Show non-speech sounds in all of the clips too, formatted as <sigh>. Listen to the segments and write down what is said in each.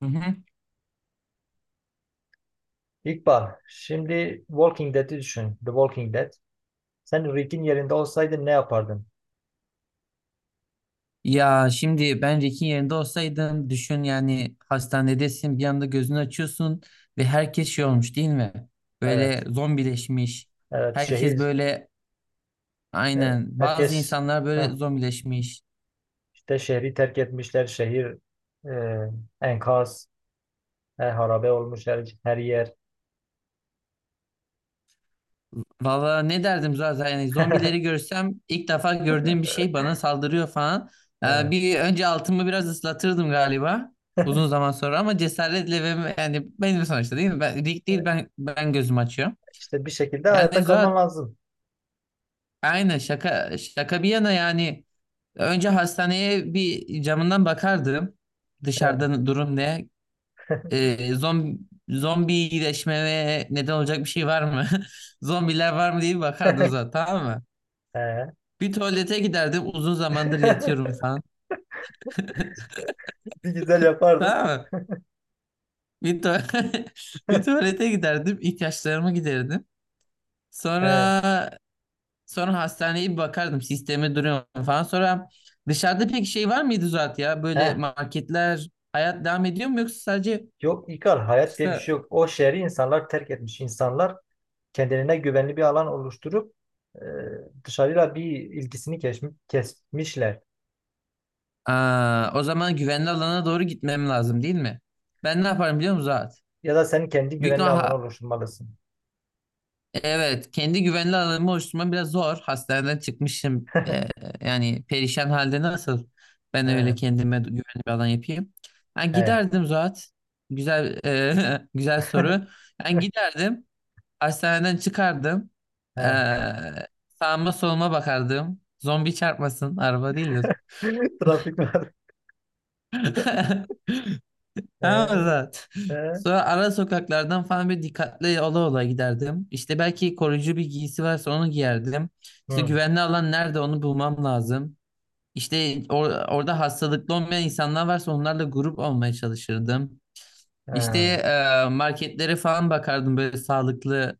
Hı hı. İkbal, şimdi Walking Dead'i düşün. The Walking Dead. Sen Rick'in yerinde olsaydın ne yapardın? Ya şimdi ben Rick'in yerinde olsaydım düşün, yani hastanedesin, bir anda gözünü açıyorsun ve herkes şey olmuş, değil mi? Böyle Evet, zombileşmiş. evet. Herkes Şehir, böyle, aynen, bazı herkes insanlar böyle heh, zombileşmiş. işte şehri terk etmişler. Şehir e, enkaz, harabe olmuş her yer. Valla ne derdim zaten, yani zombileri <laughs> görsem, ilk defa gördüğüm bir şey bana saldırıyor falan. He, Bir önce altımı biraz ıslatırdım galiba, uzun zaman sonra, ama cesaretle. Ve yani benim sonuçta, değil mi? Ben, Rick değil, ben gözüm açıyorum. İşte bir şekilde Yani hayatta Zuhat, kalman lazım. aynen, şaka şaka bir yana, yani önce hastaneye bir camından bakardım, He, dışarıda durum ne, <laughs> zombi zombileşmeye neden olacak bir şey var mı, <laughs> zombiler var mı diye bir bakardım zaten, tamam mı? he. Bir tuvalete giderdim, uzun zamandır yatıyorum <laughs> falan. <laughs> Bir güzel yapardın. Tamam mı? bir, tu- <laughs> Bir tuvalete giderdim, ihtiyaçlarımı giderdim. He, Sonra, sonra hastaneye bir bakardım, sisteme duruyor mu falan. Sonra dışarıda pek şey var mıydı Zuhat ya? he. Böyle marketler, hayat devam ediyor mu, yoksa sadece Yok İkbal, hayat diye bir şey kısa... yok. O şehri insanlar terk etmiş. İnsanlar kendilerine güvenli bir alan oluşturup e, dışarıyla bir ilgisini kesmişler. Aa, o zaman güvenli alana doğru gitmem lazım, değil mi? Ben ne yaparım biliyor musun Zuhat? Ya da sen kendi Büyük güvenli ihtimal alanı oluşturmalısın. evet, kendi güvenli alanımı oluşturmam biraz zor. Hastaneden çıkmışım. <laughs> Yani perişan halde, nasıl ben He, öyle kendime güvenli bir alan yapayım? Ben he, giderdim Zuhat. Güzel, <laughs> güzel soru. Ben giderdim. Hastaneden çıkardım. he. Ee, Sağıma soluma bakardım. Zombi çarpmasın. Araba değil de. <laughs> Trafik var. <laughs> Tamam mı He, Zat? he. Sonra ara sokaklardan falan bir dikkatli ola ola giderdim. İşte belki koruyucu bir giysi varsa onu giyerdim. İşte Hı, güvenli alan nerede, onu bulmam lazım. İşte orada hastalıklı olmayan insanlar varsa onlarla grup olmaya çalışırdım. he. İşte, marketlere falan bakardım, böyle sağlıklı,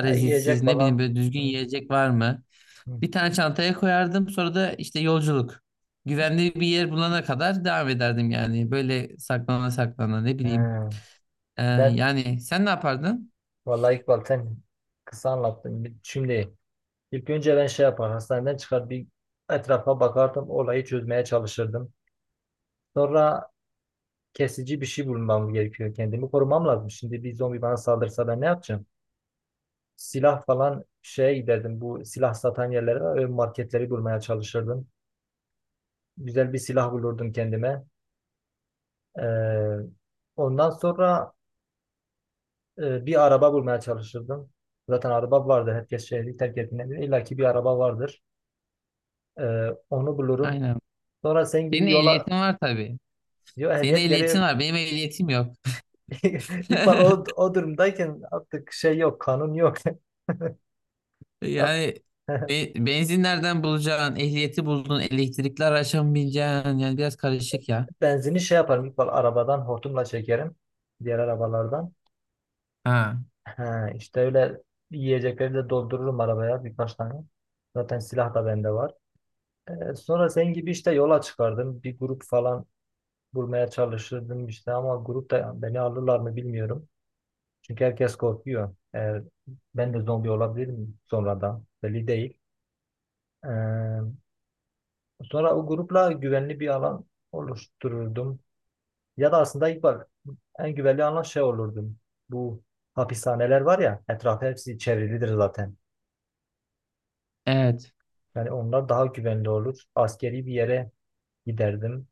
Ha, yiyecek ne bileyim, falan. böyle düzgün Hı, yiyecek var mı? hı, Bir tane çantaya koyardım. Sonra da işte yolculuk. Güvenli bir yer bulana kadar devam ederdim yani. Böyle saklana saklana, ne bileyim. he. Ee, Ben Yani sen ne yapardın? vallahi İkbal sen kısa anlattın. Şimdi ilk önce ben şey yapar hastaneden çıkar bir etrafa bakardım olayı çözmeye çalışırdım. Sonra kesici bir şey bulmam gerekiyor. Kendimi korumam lazım. Şimdi bir zombi bana saldırsa ben ne yapacağım? Silah falan şey giderdim. Bu silah satan yerlere var. Marketleri bulmaya çalışırdım. Güzel bir silah bulurdum kendime. Ee, ondan sonra bir araba bulmaya çalışırdım. Zaten araba vardı. Herkes şehri terk ettiğinde bile illa ki bir araba vardır. Onu bulurum. Aynen. Sonra sen Senin gibi yola ehliyetin var tabii. diyor Senin ehliyet ehliyetin gerek var. Benim ehliyetim yok. yok. <laughs> İkbal o, <laughs> o durumdayken artık şey yok, kanun yok. <laughs> At- Yani <laughs> benzin nereden bulacaksın? Ehliyeti buldun. Elektrikli araçla mı bineceksin? Yani biraz karışık ya. Benzini şey yaparım. İlk bal arabadan hortumla çekerim. Diğer arabalardan. Ha. He, işte öyle yiyecekleri de doldururum arabaya birkaç tane. Zaten silah da bende var. Sonra senin gibi işte yola çıkardım. Bir grup falan bulmaya çalışırdım işte ama grupta beni alırlar mı bilmiyorum. Çünkü herkes korkuyor. Eğer ben de zombi olabilirim sonradan. Belli değil. Ee, sonra o grupla güvenli bir alan oluştururdum. Ya da aslında ilk bak en güvenli alan şey olurdum. Bu hapishaneler var ya etrafı hepsi çevrilidir zaten. Evet. Yani onlar daha güvenli olur. Askeri bir yere giderdim.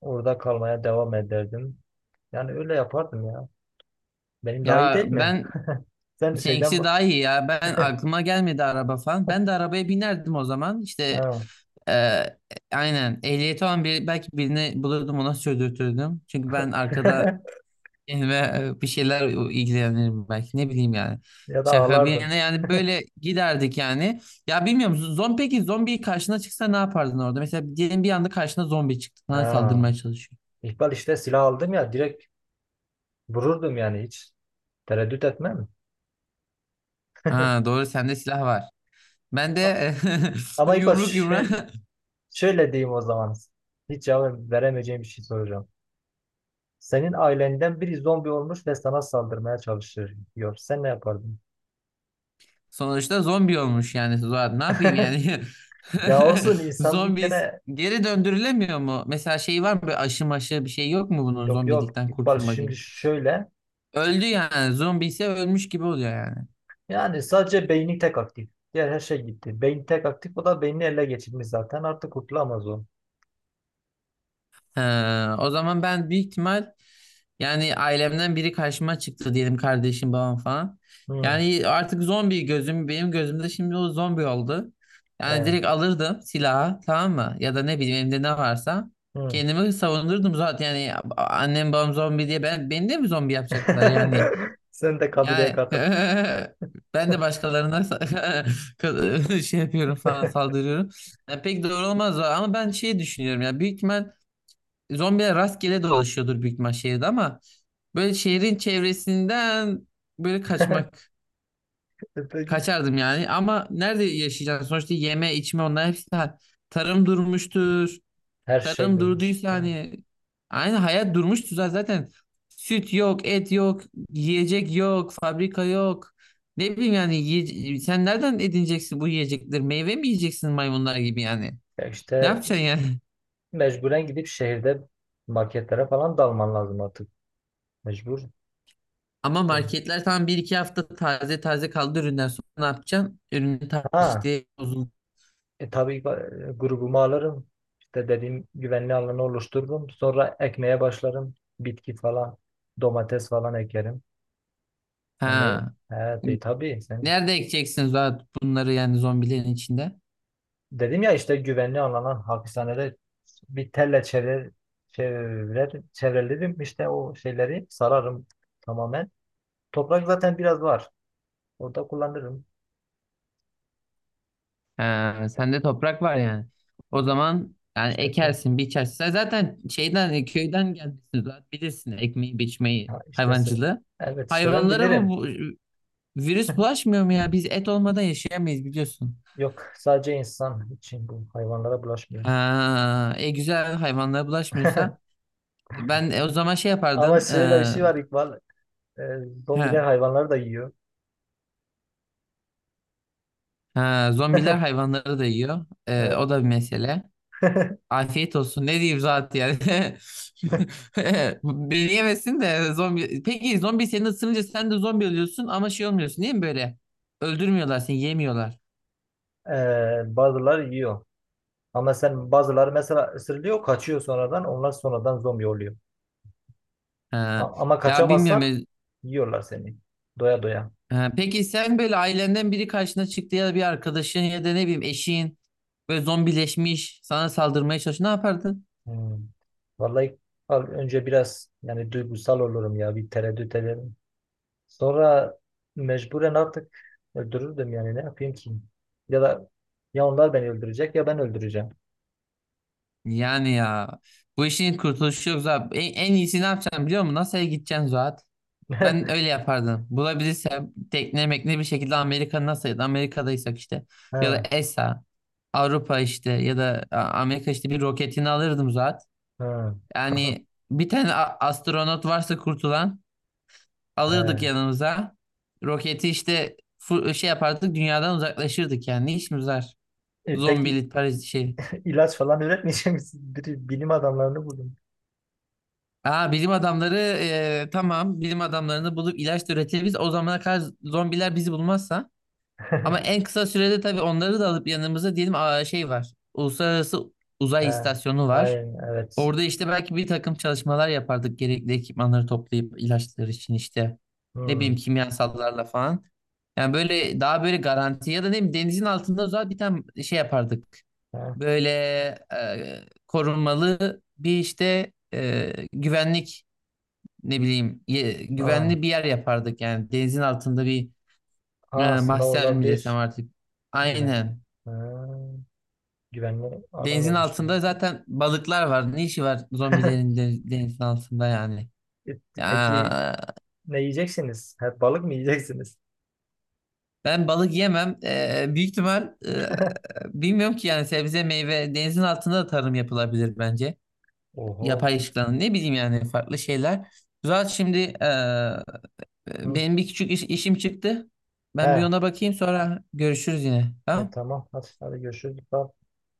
Orada kalmaya devam ederdim. Yani öyle yapardım ya. Benim daha iyi Ya değil mi? ben... <laughs> Sen şeyden Seninkisi bak. daha iyi ya. Ben aklıma gelmedi araba falan. Ben de arabaya binerdim o zaman. İşte Ha. eee, aynen, ehliyeti olan bir, belki birini bulurdum, ona sürdürtürdüm. Çünkü ben arkada <laughs> <laughs> kendime bir şeyler ilgilenirim belki, ne bileyim yani. Ya da Şaka bir ağlardın. yana, yani böyle giderdik yani. Ya bilmiyorum, zombi, peki zombi karşına çıksa ne yapardın orada? Mesela diyelim bir anda karşına zombi çıktı. Sana Ha. saldırmaya çalışıyor. İkbal işte silah aldım ya direkt vururdum yani hiç tereddüt etmem. Ha, doğru, sende silah var. Ben de <laughs> Ama İkbal yumruk yumruğa. <laughs> Şöyle diyeyim o zaman. Hiç cevap veremeyeceğim bir şey soracağım. Senin ailenden biri zombi olmuş ve sana saldırmaya çalışıyor diyor. Sen ne yapardın? Sonuçta zombi olmuş yani. Zuhal. Ne yapayım yani? Ya olsun <laughs> insan bir Zombi kere. geri döndürülemiyor mu? Mesela şey var mı? Böyle aşı maşı bir şey yok mu bunun, Yok, yok. zombilikten Bak kurtulma gibi? şimdi şöyle, Öldü yani. Zombi ise ölmüş gibi oluyor yani. yani sadece beyni tek aktif. Diğer her şey gitti. Beyin tek aktif o da beynini ele geçirmiş zaten artık kurtulamaz o. He, o zaman ben büyük ihtimal, yani ailemden biri karşıma çıktı diyelim, kardeşim, babam falan. Hmm, Yani artık zombi gözüm, benim gözümde şimdi o zombi oldu. Yani he, direkt alırdım silahı, tamam mı? Ya da ne bileyim, elimde ne varsa hmm. kendimi savunurdum zaten yani. Annem babam zombi diye ben, beni de mi zombi yapacaklar yani? <laughs> Sen de kabileye Yani katıl. <laughs> ben de başkalarına <laughs> şey yapıyorum falan, saldırıyorum. Yani pek doğru olmaz, ama ben şey düşünüyorum ya, büyük ihtimal zombiler rastgele dolaşıyordur büyük ihtimal şehirde, ama böyle şehrin çevresinden böyle kaçmak, <laughs> Peki. kaçardım yani. Ama nerede yaşayacaksın sonuçta, yeme içme onlar hepsi tarım durmuştur. Her şey Tarım dönmüş. durduysa, He. hani aynı hayat durmuştur Zaten süt yok, et yok, yiyecek yok, fabrika yok, ne bileyim yani, sen nereden edineceksin bu yiyecekleri, meyve mi yiyeceksin maymunlar gibi yani, Ya ne işte yapacaksın yani? <laughs> mecburen gidip şehirde marketlere falan dalman lazım artık. Mecbur. Ama Şey. marketler tam bir iki hafta taze taze kaldı, üründen sonra ne yapacaksın? Ürünü taze, Ha. işte bozuldu. Tabii grubumu alırım. İşte dediğim güvenli alanı oluştururum. Sonra ekmeye başlarım. Bitki falan, domates falan ekerim. Yani Ha. evet, tabii sen Nerede ekeceksiniz zaten bunları, yani zombilerin içinde? dedim ya işte güvenli alana hapishanede bir telle çevrelerim işte o şeyleri sararım tamamen. Toprak zaten biraz var. Orada kullanırım. Ha, sende toprak var yani. O zaman yani İşte tu. ekersin, biçersin. Sen zaten şeyden, köyden gelmişsin, zaten bilirsin ekmeği, biçmeyi, Ha, işte hayvancılığı. evet işte ben Hayvanlara bu, bilirim. bu virüs bulaşmıyor mu ya? Biz et olmadan yaşayamayız, biliyorsun. Yok sadece insan için bu hayvanlara bulaşmıyor. Ha, e güzel, hayvanlara bulaşmıyorsa <laughs> ben, o zaman şey Ama yapardım. Şöyle bir şey var İkbal. E, he, zombiler hayvanları da yiyor. ha, zombiler <laughs> hayvanları da yiyor. E, Evet. o da bir mesele. <laughs> Afiyet olsun. Ne diyeyim zaten yani. <laughs> Beni yemesin de zombi. Peki zombi seni ısırınca sen de zombi oluyorsun, ama şey olmuyorsun değil mi böyle? Öldürmüyorlar seni, yemiyorlar. Bazıları yiyor. Ama sen bazıları mesela ısırılıyor, kaçıyor sonradan. Onlar sonradan zombi oluyor. Ha. Ama Ya bilmiyorum. kaçamazsan yiyorlar seni. Doya doya. Ha, peki sen, böyle ailenden biri karşına çıktı ya da bir arkadaşın ya da ne bileyim eşin, böyle zombileşmiş sana saldırmaya çalışıyor, ne yapardın? Hmm. Vallahi önce biraz yani duygusal olurum ya. Bir tereddüt ederim. Sonra mecburen artık öldürürdüm yani. Ne yapayım ki? Ya da ya onlar beni öldürecek ya ben öldüreceğim. Yani ya, bu işin kurtuluşu yok Zuhat. En iyisi ne yapacaksın biliyor musun? NASA'ya gideceksin Zuhat. Ben <laughs> öyle yapardım. Bulabilirsem tekne mekne, bir şekilde Amerika NASA'ya, da Amerika'daysak işte, ya da Ha, ESA, Avrupa, işte, ya da Amerika, işte bir roketini alırdım Zuhat. ha. <laughs> Yani bir tane astronot varsa kurtulan, alırdık He. yanımıza. Roketi işte şey yapardık, dünyadan uzaklaşırdık yani. Ne işimiz var? Peki Zombili Paris şey. ilaç falan üretmeyecek misin? <laughs> Bir bilim adamlarını buldum. Aa, bilim adamları, tamam, bilim adamlarını bulup ilaç da üretebiliriz. O zamana kadar zombiler bizi bulmazsa. Ama en <laughs> kısa sürede tabii onları da alıp yanımıza, diyelim, aa, şey var. Uluslararası Uzay He. İstasyonu var. Hayır, evet. Orada işte belki bir takım çalışmalar yapardık, gerekli ekipmanları toplayıp ilaçlar için, işte ne Hmm. bileyim, kimyasallarla falan. Yani böyle daha böyle garanti, ya da ne bileyim denizin altında o zaman bir tane şey yapardık. He. Böyle korunmalı bir işte güvenlik, ne bileyim Ha. güvenli bir yer yapardık. Yani denizin altında bir, Ha, aslında mahzen mi desem olabilir. artık. Güven. Aynen. Ha. Güvenli alan Denizin altında oluşturuldu. zaten balıklar var. Ne işi var zombilerin <laughs> denizin altında yani. Peki Ya ne yiyeceksiniz? Hep balık mı yiyeceksiniz? ben balık yemem. Büyük ihtimal, <laughs> bilmiyorum ki yani, sebze meyve denizin altında da tarım yapılabilir bence. Oho. Yapay Çok. ışıklanın, ne bileyim yani, farklı şeyler. Zaten şimdi, Hı. benim bir küçük işim çıktı. Ben bir He. ona bakayım, sonra görüşürüz yine. Tamam? Tamam. Hadi, hadi görüşürüz. Bye.